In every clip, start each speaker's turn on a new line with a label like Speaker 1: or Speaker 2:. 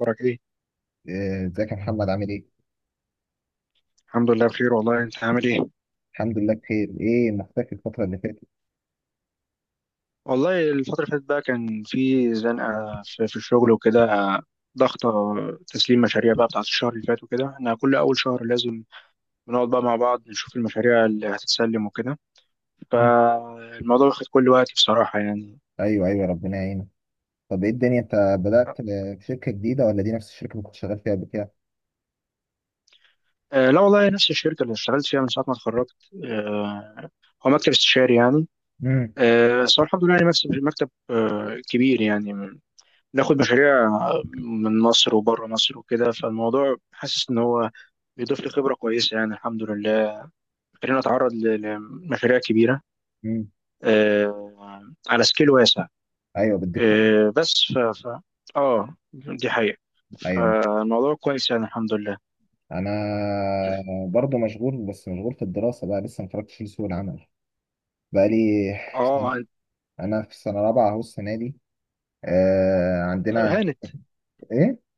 Speaker 1: اخبارك ايه؟
Speaker 2: إيه، ازيك يا محمد عامل ايه؟
Speaker 1: الحمد لله بخير والله. انت عامل ايه؟
Speaker 2: الحمد لله بخير، ايه مختفي الفترة اللي فاتت؟
Speaker 1: والله الفترة اللي فاتت بقى كان في زنقة في الشغل وكده، ضغطة تسليم مشاريع بقى بتاعت الشهر اللي فات. وكده احنا كل أول شهر لازم بنقعد بقى مع بعض نشوف المشاريع اللي هتتسلم وكده،
Speaker 2: مم.
Speaker 1: فالموضوع واخد كل وقتي بصراحة يعني.
Speaker 2: ايوه ايوه، ربنا يعينك. طب ايه الدنيا، انت بدأت في شركة جديدة ولا دي نفس الشركة اللي كنت شغال فيها قبل كده؟
Speaker 1: لا والله، نفس الشركة اللي اشتغلت فيها من ساعة ما اتخرجت. آه، هو مكتب استشاري يعني.
Speaker 2: مم.
Speaker 1: بس هو الحمد لله يعني مكتب كبير يعني، ناخد مشاريع من مصر وبره مصر وكده، فالموضوع حاسس ان هو بيضيف لي خبره كويسه يعني الحمد لله. خلينا اتعرض لمشاريع كبيره،
Speaker 2: مم.
Speaker 1: آه، على سكيل واسع.
Speaker 2: ايوه بديك.
Speaker 1: بس ف ف اه، دي حقيقه،
Speaker 2: ايوه،
Speaker 1: فالموضوع كويس يعني الحمد لله.
Speaker 2: انا برضو مشغول، بس مشغول في الدراسة بقى، لسه ما اتفرجتش لسوق العمل بقى لي.
Speaker 1: اه.
Speaker 2: انا في سنة رابعة اهو السنة دي.
Speaker 1: طيب،
Speaker 2: عندنا.
Speaker 1: هانت،
Speaker 2: ايه؟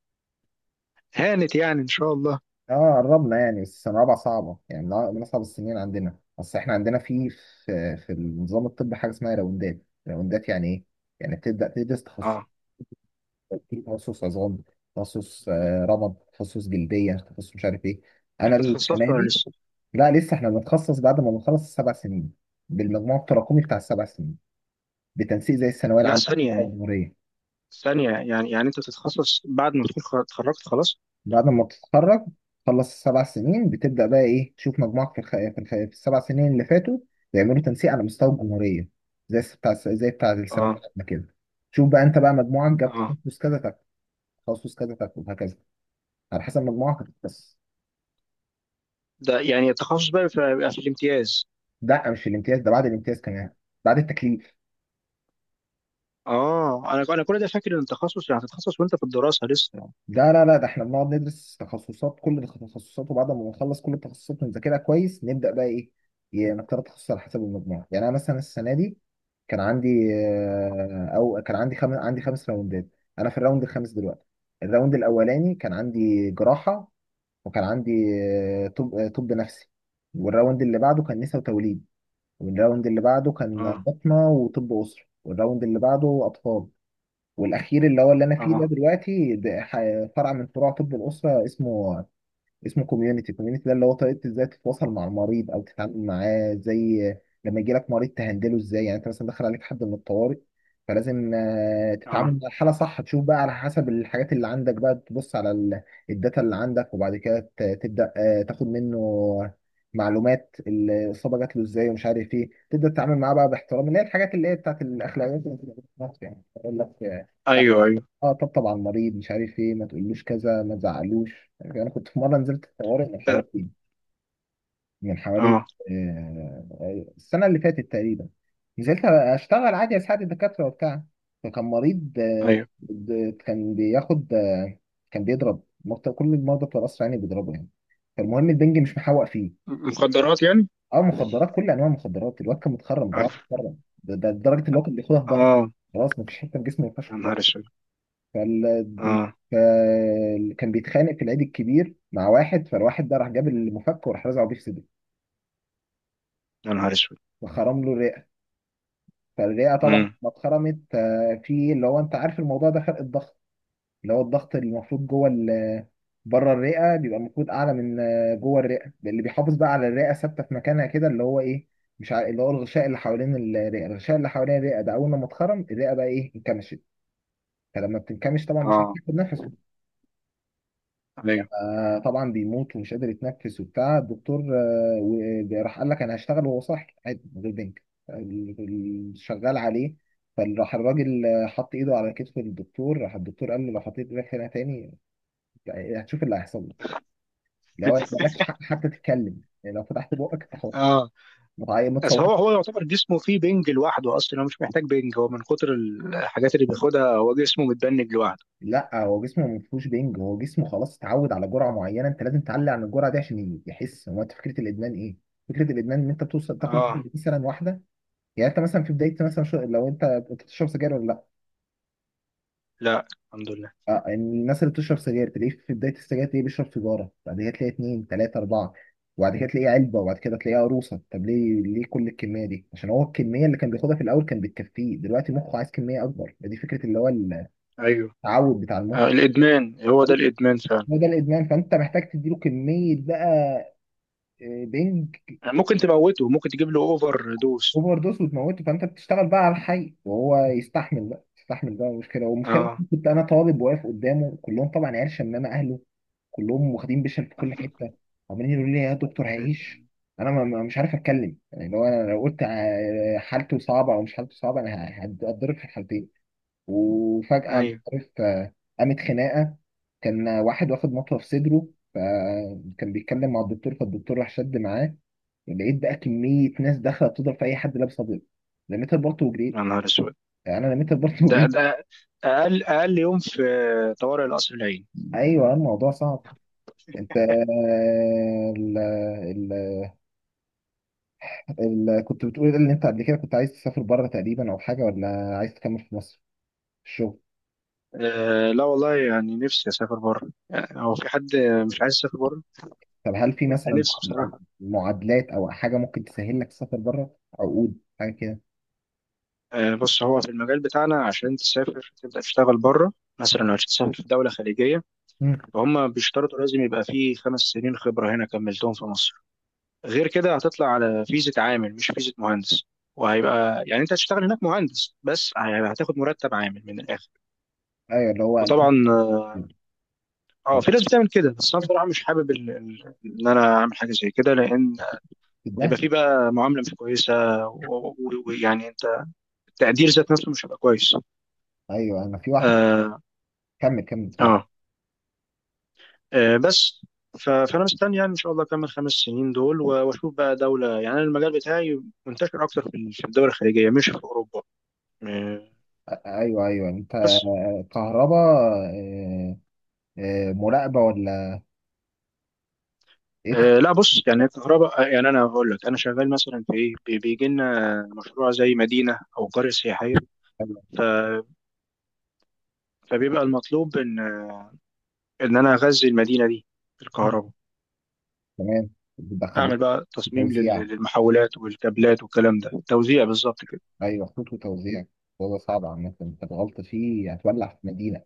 Speaker 1: هانت يعني ان شاء الله.
Speaker 2: اه، قربنا يعني، بس السنة الرابعة صعبة يعني، من أصعب السنين عندنا. بس احنا عندنا في في النظام الطبي حاجة اسمها راوندات. راوندات يعني ايه؟ يعني بتبدأ تدرس تخصص،
Speaker 1: اه،
Speaker 2: في تخصص عظام، تخصص رمد، تخصص جلدية، تخصص مش عارف ايه. أنا
Speaker 1: انت تخصصت
Speaker 2: السنة
Speaker 1: ولا
Speaker 2: دي،
Speaker 1: لسه؟
Speaker 2: لا لسه، احنا بنتخصص بعد ما بنخلص السبع سنين، بالمجموع التراكمي بتاع السبع سنين، بتنسيق زي الثانوية
Speaker 1: لا،
Speaker 2: العامة
Speaker 1: ثانيه
Speaker 2: بتاع
Speaker 1: يعني،
Speaker 2: الجمهورية.
Speaker 1: ثانيه يعني انت تتخصص بعد ما تكون اتخرجت خلاص.
Speaker 2: بعد ما تتخرج، تخلص السبع سنين، بتبدأ بقى إيه، تشوف مجموعك في في السبع سنين اللي فاتوا، بيعملوا تنسيق على مستوى الجمهورية، زي بتاع السنة
Speaker 1: اه.
Speaker 2: بتاعتنا كده. شوف بقى أنت بقى مجموعك جاب
Speaker 1: اه،
Speaker 2: تخصص كذا تاخد، تخصص كذا تاخد، وهكذا، على حسب مجموعك بس.
Speaker 1: ده يعني التخصص بقى بيبقى في الامتياز؟
Speaker 2: ده مش الامتياز، ده بعد الامتياز كمان، بعد التكليف.
Speaker 1: اه، انا كل ده فاكر ان التخصص يعني هتتخصص وانت في الدراسه لسه يعني.
Speaker 2: لا لا لا، ده احنا بنقعد ندرس تخصصات، كل التخصصات، وبعد ما نخلص كل التخصصات ونذاكرها كويس، نبدا بقى ايه، نختار تخصص على حسب المجموع. يعني انا مثلا السنه دي، كان عندي كان عندي 5 راوندات. انا في الراوند الخامس دلوقتي. الراوند الاولاني كان عندي جراحه، وكان عندي طب نفسي. والراوند اللي بعده كان نساء وتوليد، والراوند اللي بعده كان
Speaker 1: اه،
Speaker 2: بطنه وطب اسره، والراوند اللي بعده اطفال. والاخير اللي هو اللي انا فيه ده
Speaker 1: اه،
Speaker 2: دلوقتي، ده فرع من فروع طب الاسره، اسمه كوميونتي. كوميونتي ده اللي هو طريقه ازاي تتواصل مع المريض او تتعامل معاه، زي لما يجي لك مريض تهندله ازاي. يعني انت مثلا دخل عليك حد من الطوارئ، فلازم تتعامل
Speaker 1: اه،
Speaker 2: مع الحاله صح، تشوف بقى على حسب الحاجات اللي عندك، بقى تبص على الداتا اللي عندك، وبعد كده تبدا تاخد منه معلومات، الاصابه جات له ازاي ومش عارف ايه، تبدا تتعامل معاه بقى باحترام، اللي هي الحاجات اللي هي بتاعت الاخلاقيات اللي بتبقى في مصر يعني، اقول لك.
Speaker 1: ايوه، ايوه،
Speaker 2: اه، طب طبعا مريض مش عارف ايه، ما تقولوش كذا، ما تزعلوش. انا كنت في مره نزلت الطوارئ من حوالي
Speaker 1: اه،
Speaker 2: من حوالي
Speaker 1: آه،
Speaker 2: السنه اللي فاتت تقريبا. نزلت اشتغل عادي، اساعد الدكاتره وبتاع. فكان مريض، آه،
Speaker 1: ايوه.
Speaker 2: د- كان بياخد آه، كان بيضرب. كل المرضى بتوع القصر يعني بيضربوا يعني. فالمهم البنج مش محوق فيه.
Speaker 1: مخدرات يعني.
Speaker 2: اه مخدرات، كل انواع المخدرات، الواد كان متخرم دراعه،
Speaker 1: اه.
Speaker 2: متخرم، ده لدرجه ان هو كان بياخدها في ظهره.
Speaker 1: آه،
Speaker 2: خلاص مفيش حته في جسمه ما ينفعش.
Speaker 1: يا نهار اسود.
Speaker 2: فال...
Speaker 1: اه.
Speaker 2: كان بيتخانق في العيد الكبير مع واحد، فالواحد ده راح جاب المفك وراح رزعه بيه في صدره،
Speaker 1: يا نهار اسود.
Speaker 2: وخرم له الرئه. فالرئه طبعا
Speaker 1: امم.
Speaker 2: ما اتخرمت في اللي هو، انت عارف الموضوع ده، فرق الضغط. اللي هو الضغط اللي المفروض جوه بره الرئه بيبقى المفروض اعلى من جوه الرئه، اللي بيحافظ بقى على الرئه ثابته في مكانها كده، اللي هو ايه، مش عارف، اللي هو الغشاء اللي حوالين الرئه. الغشاء اللي حوالين الرئه ده اول ما اتخرم، الرئه بقى ايه، انكمشت. فلما بتنكمش طبعا مش
Speaker 1: اه.
Speaker 2: هتاخد نفس.
Speaker 1: ايوه.
Speaker 2: طبعا بيموت ومش قادر يتنفس وبتاع. الدكتور راح قال لك انا هشتغل وهو صاحي عادي من غير بنك. شغال عليه. فراح الراجل حط ايده على كتف الدكتور، راح الدكتور قال له لو حطيت ايدك هنا تاني، يعني هتشوف اللي هيحصل لك. لو مالكش حق حتى تتكلم، يعني لو فتحت بقك انت حر.
Speaker 1: اه.
Speaker 2: ما
Speaker 1: بس هو
Speaker 2: تصوتش.
Speaker 1: يعتبر جسمه فيه بنج لوحده. اصلا هو مش محتاج بنج، هو من كتر الحاجات اللي بياخدها هو جسمه متبنج لوحده.
Speaker 2: لا هو جسمه ما فيهوش بنج، هو جسمه خلاص اتعود على جرعه معينه، انت لازم تعلي عن الجرعه دي عشان يحس هو. انت فكره الادمان ايه؟ فكره الادمان ان انت بتوصل تاخد
Speaker 1: اه،
Speaker 2: مثلا واحده، يعني انت مثلا في بدايه مثلا، لو انت بتشرب سجاير ولا لا.
Speaker 1: لا الحمد لله.
Speaker 2: يعني الناس اللي بتشرب سجاير تلاقيه في بدايه السجاير تلاقيه بيشرب سيجاره، بعد كده تلاقيه اتنين تلاته اربعه، وبعد كده تلاقيه علبه، وبعد كده تلاقيه عروسه. طب ليه ليه كل الكميه دي؟ عشان هو الكميه اللي كان بياخدها في الاول كان بتكفيه، دلوقتي مخه عايز كميه اكبر. دي فكره اللي هو
Speaker 1: ايوه.
Speaker 2: التعود بتاع
Speaker 1: آه،
Speaker 2: المخ.
Speaker 1: الادمان هو ده الادمان فعلا.
Speaker 2: هو ده الادمان، فانت محتاج تديله كميه بقى بنج،
Speaker 1: يعني ممكن تموته، ممكن تجيب له اوفر دوز.
Speaker 2: اوفر دوز وتموته، فانت بتشتغل بقى على الحي وهو يستحمل بقى مشكله، والمشكله
Speaker 1: اه.
Speaker 2: إن كنت انا طالب واقف قدامه، كلهم طبعا عيال شمامه اهله، كلهم واخدين بشر في كل حته، عمالين يقولوا لي يا دكتور هيعيش. انا مش عارف اتكلم يعني، لو انا لو قلت حالته صعبه او مش حالته صعبه، انا هتضرب في الحالتين. وفجاه مش
Speaker 1: ايوه.
Speaker 2: عارف قامت خناقه، كان واحد واخد مطوه في صدره، فكان بيتكلم مع الدكتور، فالدكتور راح شد معاه. لقيت بقى كمية ناس داخلة بتضرب في أي حد لابس أبيض، لميت البلطو
Speaker 1: يا
Speaker 2: وجريت.
Speaker 1: نهار اسود.
Speaker 2: يعني أنا لميت البلطو
Speaker 1: ده
Speaker 2: وجريت.
Speaker 1: ده اقل يوم في طوارئ القصر العيني.
Speaker 2: أيوه، الموضوع صعب. أنت، ال ال ال كنت بتقول إن أنت قبل كده كنت عايز تسافر بره تقريبا أو حاجة، ولا عايز تكمل في مصر في الشغل؟
Speaker 1: أه، لا والله، يعني نفسي اسافر بره، يعني هو في حد مش عايز يسافر بره؟
Speaker 2: طب هل في
Speaker 1: أنا
Speaker 2: مثلا
Speaker 1: نفسي بصراحه.
Speaker 2: معادلات أو حاجة ممكن تسهل لك تسافر بره، عقود حاجة كده؟
Speaker 1: أه بص، هو في المجال بتاعنا، عشان تسافر تبدا تشتغل بره، مثلا لو هتسافر في دوله خليجيه،
Speaker 2: مم.
Speaker 1: فهم بيشترطوا لازم يبقى فيه 5 سنين خبره هنا كملتهم في مصر. غير كده هتطلع على فيزه عامل، مش فيزه مهندس، وهيبقى يعني انت هتشتغل هناك مهندس بس هتاخد مرتب عامل من الاخر.
Speaker 2: أيوه اللي هو 2000
Speaker 1: وطبعا اه، في ناس بتعمل كده، بس انا بصراحه مش حابب ان انا اعمل حاجه زي كده، لان هيبقى
Speaker 2: ده.
Speaker 1: في بقى معامله مش كويسه، و- و- ويعني انت، التقدير ذات نفسه مش هيبقى كويس.
Speaker 2: أيوه أنا في واحد.
Speaker 1: اه،
Speaker 2: كمل كمل اتفضل.
Speaker 1: اه، بس، فانا مستني يعني ان شاء الله اكمل 5 سنين دول، واشوف بقى دوله. يعني أنا المجال بتاعي منتشر اكتر في الدول الخليجيه، مش في اوروبا. آه،
Speaker 2: ايوه ايوه، انت
Speaker 1: بس.
Speaker 2: كهرباء، آه، مراقبه ولا ايه
Speaker 1: آه لا، بص يعني الكهرباء، يعني انا هقول لك، انا شغال مثلا في ايه، بيجي لنا مشروع زي مدينه او قريه سياحيه،
Speaker 2: أيوة.
Speaker 1: ف- فبيبقى المطلوب ان انا اغذي المدينه دي بالكهرباء،
Speaker 2: تمام، بتدخل
Speaker 1: اعمل بقى
Speaker 2: في
Speaker 1: تصميم
Speaker 2: توزيع،
Speaker 1: للمحولات والكابلات والكلام ده، توزيع بالظبط كده.
Speaker 2: ايوه خطوط وتوزيع. هو ده صعب عامة، انت غلط فيه هتولع في مدينة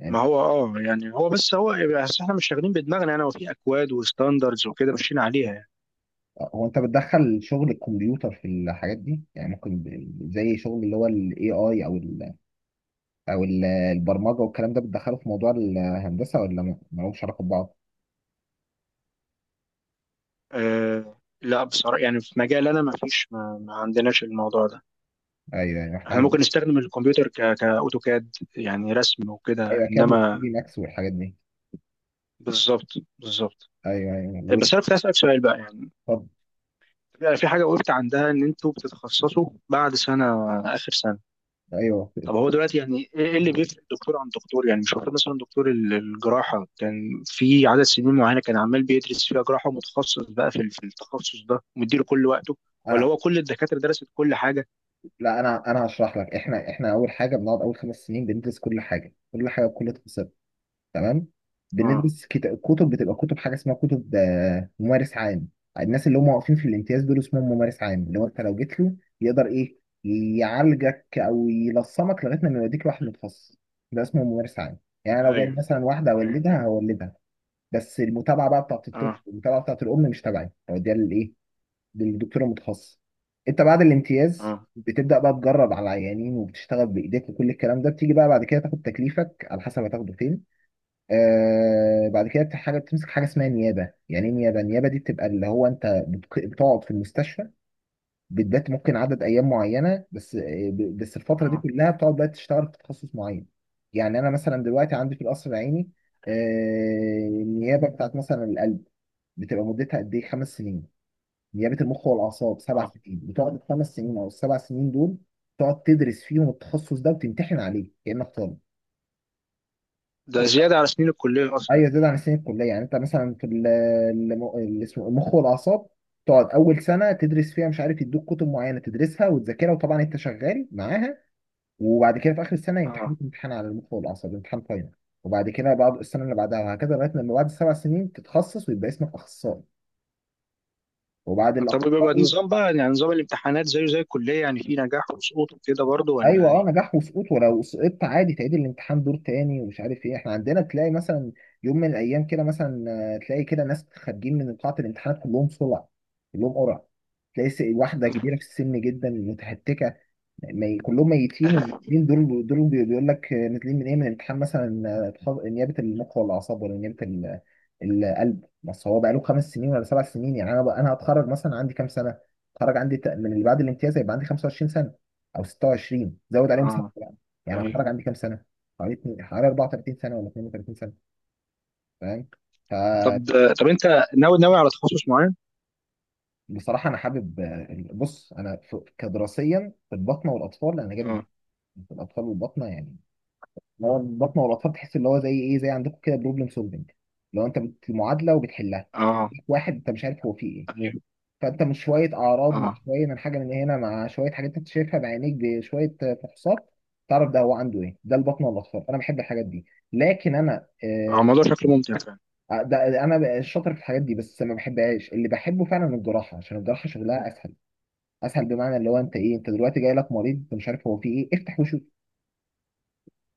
Speaker 2: يعني
Speaker 1: ما
Speaker 2: انت.
Speaker 1: هو اه، يعني هو بس هو، يعني بس احنا مش شغالين بدماغنا انا، وفي اكواد وستاندردز وكده ماشيين عليها يعني.
Speaker 2: هو انت بتدخل شغل الكمبيوتر في الحاجات دي يعني؟ ممكن زي شغل اللي هو الاي اي، او البرمجة والكلام ده، بتدخله في موضوع الهندسة ولا ملهمش علاقة ببعض؟
Speaker 1: آه لا بصراحه، يعني في مجال انا ما فيش ما عندناش الموضوع ده.
Speaker 2: ايوه ايوه، احنا
Speaker 1: احنا
Speaker 2: عندنا.
Speaker 1: ممكن نستخدم الكمبيوتر ك كاوتوكاد، يعني رسم وكده،
Speaker 2: ايوه، كاد وثري
Speaker 1: انما.
Speaker 2: دي ماكس والحاجات دي.
Speaker 1: بالظبط، بالظبط.
Speaker 2: ايوه ايوه
Speaker 1: بس انا كنت اسالك سؤال بقى يعني،
Speaker 2: طب
Speaker 1: في حاجه وقفت عندها، ان انتوا بتتخصصوا بعد سنه، اخر سنه.
Speaker 2: ايوه
Speaker 1: طب هو دلوقتي يعني ايه، اللي بيفرق دكتور عن دكتور؟ يعني مش المفروض مثلا دكتور الجراحه كان في عدد سنين معينه كان عمال بيدرس فيها جراحه، ومتخصص بقى في التخصص ده ومديله كل وقته، ولا
Speaker 2: انا
Speaker 1: هو كل الدكاتره درست كل حاجه؟
Speaker 2: لا، انا هشرح لك. احنا اول حاجه بنقعد اول خمس سنين بندرس كل حاجه، كل حاجه بكل تفاصيلها. تمام.
Speaker 1: اه.
Speaker 2: بندرس كتب، بتبقى كتب حاجه اسمها كتب ممارس عام. الناس اللي هم واقفين في الامتياز دول اسمهم ممارس عام، اللي هو انت لو جيت له يقدر ايه، يعالجك او يلصمك لغايه ما يوديك لواحد متخصص. ده اسمه ممارس عام. يعني أنا لو
Speaker 1: ايوه،
Speaker 2: جاي مثلا واحده
Speaker 1: ايوه.
Speaker 2: اولدها هولدها، بس المتابعه بقى بتاعت الطفل،
Speaker 1: اه.
Speaker 2: المتابعه بتاعت الام، مش تبعي، هوديها للدكتور المتخصص. انت بعد الامتياز
Speaker 1: اه.
Speaker 2: بتبدا بقى تجرب على العيانين وبتشتغل بايديك وكل الكلام ده، بتيجي بقى بعد كده تاخد تكليفك على حسب هتاخده فين. بعد كده حاجه بتمسك حاجه اسمها نيابه. يعني ايه نيابه؟ النيابه دي بتبقى اللي هو انت بتقعد في المستشفى، بتبات ممكن عدد ايام معينه، بس بس الفتره دي
Speaker 1: اه.
Speaker 2: كلها بتقعد بقى تشتغل في تخصص معين. يعني انا مثلا دلوقتي عندي في القصر العيني النيابه بتاعت مثلا القلب، بتبقى مدتها قد ايه، خمس سنين. نيابه المخ والاعصاب سبع
Speaker 1: اه.
Speaker 2: سنين. بتقعد الخمس سنين او السبع سنين دول تقعد تدرس فيهم التخصص ده وتمتحن عليه كانك طالب.
Speaker 1: ده
Speaker 2: كل
Speaker 1: زياده على سنين الكليه اصلا.
Speaker 2: ايوه، زياده عن سنين الكليه، يعني انت مثلا في اللي اسمه المخ والاعصاب، تقعد اول سنه تدرس فيها، مش عارف، يدوك كتب معينه تدرسها وتذاكرها، وطبعا انت شغال معاها. وبعد كده في اخر السنه
Speaker 1: اه.
Speaker 2: يمتحنوك امتحان على المخ والاعصاب، امتحان فاينل. وبعد كده بعد السنه اللي بعدها، وهكذا، لغايه لما بعد السبع سنين تتخصص ويبقى اسمك اخصائي، وبعد
Speaker 1: طب بيبقى
Speaker 2: الاخصائي.
Speaker 1: النظام بقى يعني، نظام الامتحانات زيه زي الكليه يعني، في نجاح وسقوط وكده برضه
Speaker 2: ايوه،
Speaker 1: ولا
Speaker 2: اه،
Speaker 1: ايه؟
Speaker 2: نجاح وسقوط. ولو سقطت عادي تعيد الامتحان دور تاني ومش عارف ايه. احنا عندنا تلاقي مثلا يوم من الايام كده مثلا، تلاقي كده ناس خارجين من قاعه الامتحانات كلهم صلع، كلهم قرع، تلاقي واحده كبيره في السن جدا متهتكه، كلهم ميتين. والمسلمين دول بيقول لك نازلين من ايه، من امتحان مثلا نيابه المخ ولا الاعصاب، ولا نيابه القلب. بس هو بقاله خمس سنين ولا سبع سنين. يعني انا هتخرج مثلا عندي كام سنه؟ هتخرج عندي من اللي بعد الامتياز هيبقى عندي 25 سنه او 26، زود عليهم سنه
Speaker 1: اه.
Speaker 2: يعني. يعني
Speaker 1: ايوه.
Speaker 2: هتخرج عندي كام سنه؟ حوالي 34 سنه ولا 32 سنه، فاهم؟
Speaker 1: طب
Speaker 2: فبصراحه
Speaker 1: طب انت ناوي على تخصص معين؟
Speaker 2: انا حابب. بص انا كدراسيا في الباطنه والاطفال انا جامد،
Speaker 1: اه.
Speaker 2: في الاطفال والباطنه يعني. اللي هو البطنه والاطفال تحس اللي هو زي ايه، زي عندكم كده، بروبلم سولفنج. لو انت معادله وبتحلها،
Speaker 1: اه.
Speaker 2: واحد انت مش عارف هو فيه ايه،
Speaker 1: ايوه.
Speaker 2: فانت مش شويه اعراض مع
Speaker 1: اه.
Speaker 2: شويه من حاجه من هنا مع شويه حاجات انت شايفها بعينيك بشويه فحوصات، تعرف ده هو عنده ايه. ده البطنه والاطفال، انا بحب الحاجات دي. لكن انا
Speaker 1: اه، الموضوع شكله ممتع فعلا.
Speaker 2: ده انا بقى شاطر في الحاجات دي بس ما بحبهاش. اللي بحبه فعلا الجراحه، عشان الجراحه شغلها اسهل. اسهل بمعنى اللي هو انت ايه، انت دلوقتي جاي لك مريض انت مش عارف هو فيه ايه، افتح وشوف.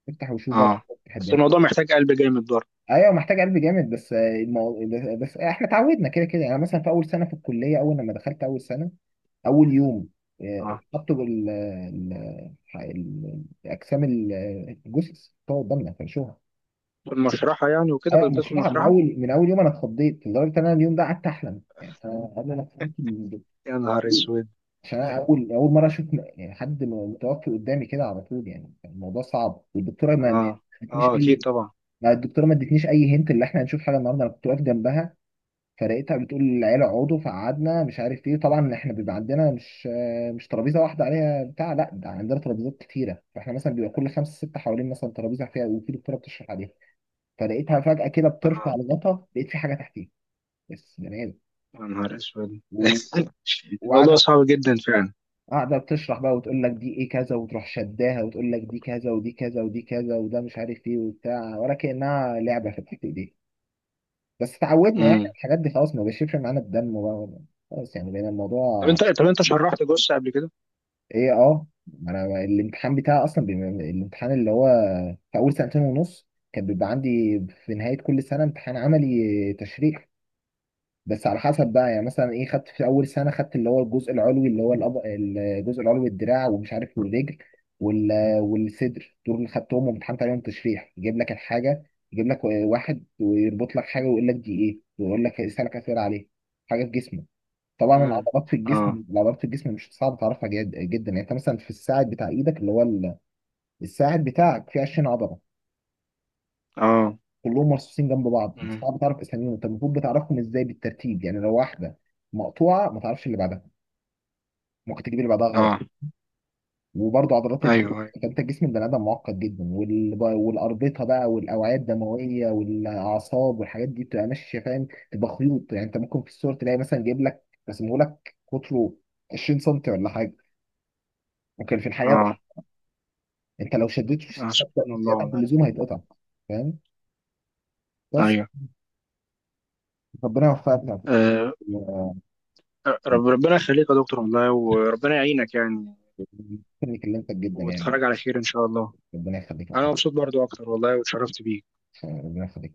Speaker 2: افتح وشوف بقى.
Speaker 1: اه
Speaker 2: تحب؟
Speaker 1: بس الموضوع محتاج قلب جامد برضه.
Speaker 2: ايوه، محتاج قلب جامد. بس بس احنا اتعودنا كده كده يعني. مثلا في اول سنه في الكليه، اول لما دخلت اول سنه، اول يوم،
Speaker 1: اه،
Speaker 2: حطوا الاجسام، الجثث بتوع قدامنا فرشوها.
Speaker 1: المشرحة يعني وكده،
Speaker 2: ايوه
Speaker 1: كنت بتدخل
Speaker 2: مشروعها من
Speaker 1: مشرحة؟
Speaker 2: اول من اول يوم، انا اتخضيت لدرجه ان انا اليوم ده قعدت احلم. يعني انا قبل ما فهمت
Speaker 1: يا نهار اسود.
Speaker 2: عشان انا اول اول مره اشوف يعني حد متوفي قدامي كده على طول، يعني كان الموضوع صعب. والدكتوره ما
Speaker 1: اه.
Speaker 2: ادتنيش
Speaker 1: اه اكيد
Speaker 2: اي،
Speaker 1: طبعا.
Speaker 2: ما الدكتوره ما ادتنيش اي هنت اللي احنا هنشوف حاجه النهارده. انا كنت واقف جنبها، فرقتها بتقول العيله اقعدوا، فقعدنا، مش عارف ايه. طبعا احنا بيبقى عندنا مش ترابيزه واحده عليها بتاع، لا ده عندنا ترابيزات كتيره. فاحنا مثلا بيبقى كل خمسه سته حوالين مثلا ترابيزه فيها، وفي دكتوره بتشرح عليها. فلقيتها فجاه كده بترفع
Speaker 1: اه.
Speaker 2: الغطا، لقيت في حاجه تحتيه، بس بني ادم.
Speaker 1: يا نهار اسود.
Speaker 2: و-
Speaker 1: الموضوع
Speaker 2: وقاعده
Speaker 1: صعب جدا فعلا.
Speaker 2: قاعده بتشرح بقى، وتقول لك دي ايه كذا، وتروح شداها وتقول لك دي كذا ودي كذا ودي كذا وده مش عارف ايه وبتاع، ولا كانها لعبه في الحته دي. بس تعودنا يعني على
Speaker 1: امم.
Speaker 2: الحاجات دي، خلاص ما بيشربش معانا الدم بقى. خلاص يعني بقينا
Speaker 1: طب
Speaker 2: الموضوع
Speaker 1: انت، شرحت جثة قبل كده؟
Speaker 2: ايه، اه، ما انا الامتحان بتاعي اصلا الامتحان اللي هو في اول سنتين ونص، كان بيبقى عندي في نهايه كل سنه امتحان عملي تشريح. بس على حسب بقى، يعني مثلا ايه، خدت في اول سنه خدت اللي هو الجزء العلوي، اللي هو الجزء العلوي، الدراع ومش عارف، والرجل، وال... والصدر، دول اللي خدتهم وامتحنت عليهم تشريح. يجيب لك الحاجه، يجيب لك واحد ويربط لك حاجه ويقول لك دي ايه، ويقول لك، يسالك اسئله عليه، حاجه في جسمه. طبعا
Speaker 1: امم.
Speaker 2: العضلات في
Speaker 1: اه.
Speaker 2: الجسم، العضلات في الجسم مش صعب تعرفها جد جدا. يعني انت مثلا في الساعد بتاع ايدك، اللي هو الساعد بتاعك فيه 20 عضله
Speaker 1: اه.
Speaker 2: كلهم مرصوصين جنب بعض،
Speaker 1: امم.
Speaker 2: صعب تعرف اساميهم انت المفروض بتعرفهم ازاي، بالترتيب. يعني لو واحده مقطوعه، ما تعرفش اللي بعدها، ممكن تجيب اللي بعدها غلط.
Speaker 1: اه.
Speaker 2: وبرضه عضلات
Speaker 1: ايوه، ايوه.
Speaker 2: انت جسم البني ادم معقد جدا، والاربطه بقى، والاوعيه الدمويه والاعصاب والحاجات دي بتبقى ماشيه، فاهم، تبقى خيوط. يعني انت ممكن في الصور تلاقي مثلا جايب لك، رسمه لك قطره 20 سم ولا حاجه، ممكن في الحقيقه ده
Speaker 1: اه.
Speaker 2: انت لو شديت في
Speaker 1: آه،
Speaker 2: الشبكه
Speaker 1: سبحان الله
Speaker 2: زياده عن
Speaker 1: والله.
Speaker 2: اللزوم هيتقطع. فاهم؟ بس
Speaker 1: ايوه.
Speaker 2: ربنا يوفقك
Speaker 1: آه.
Speaker 2: في في
Speaker 1: ربنا يخليك يا دكتور والله، وربنا يعينك يعني،
Speaker 2: التكنيك اللي انت جدا يعني.
Speaker 1: وتتخرج على خير ان شاء الله.
Speaker 2: ربنا يخليك يا
Speaker 1: انا
Speaker 2: محمد.
Speaker 1: مبسوط برضو اكتر والله، واتشرفت بيك.
Speaker 2: ربنا يخليك.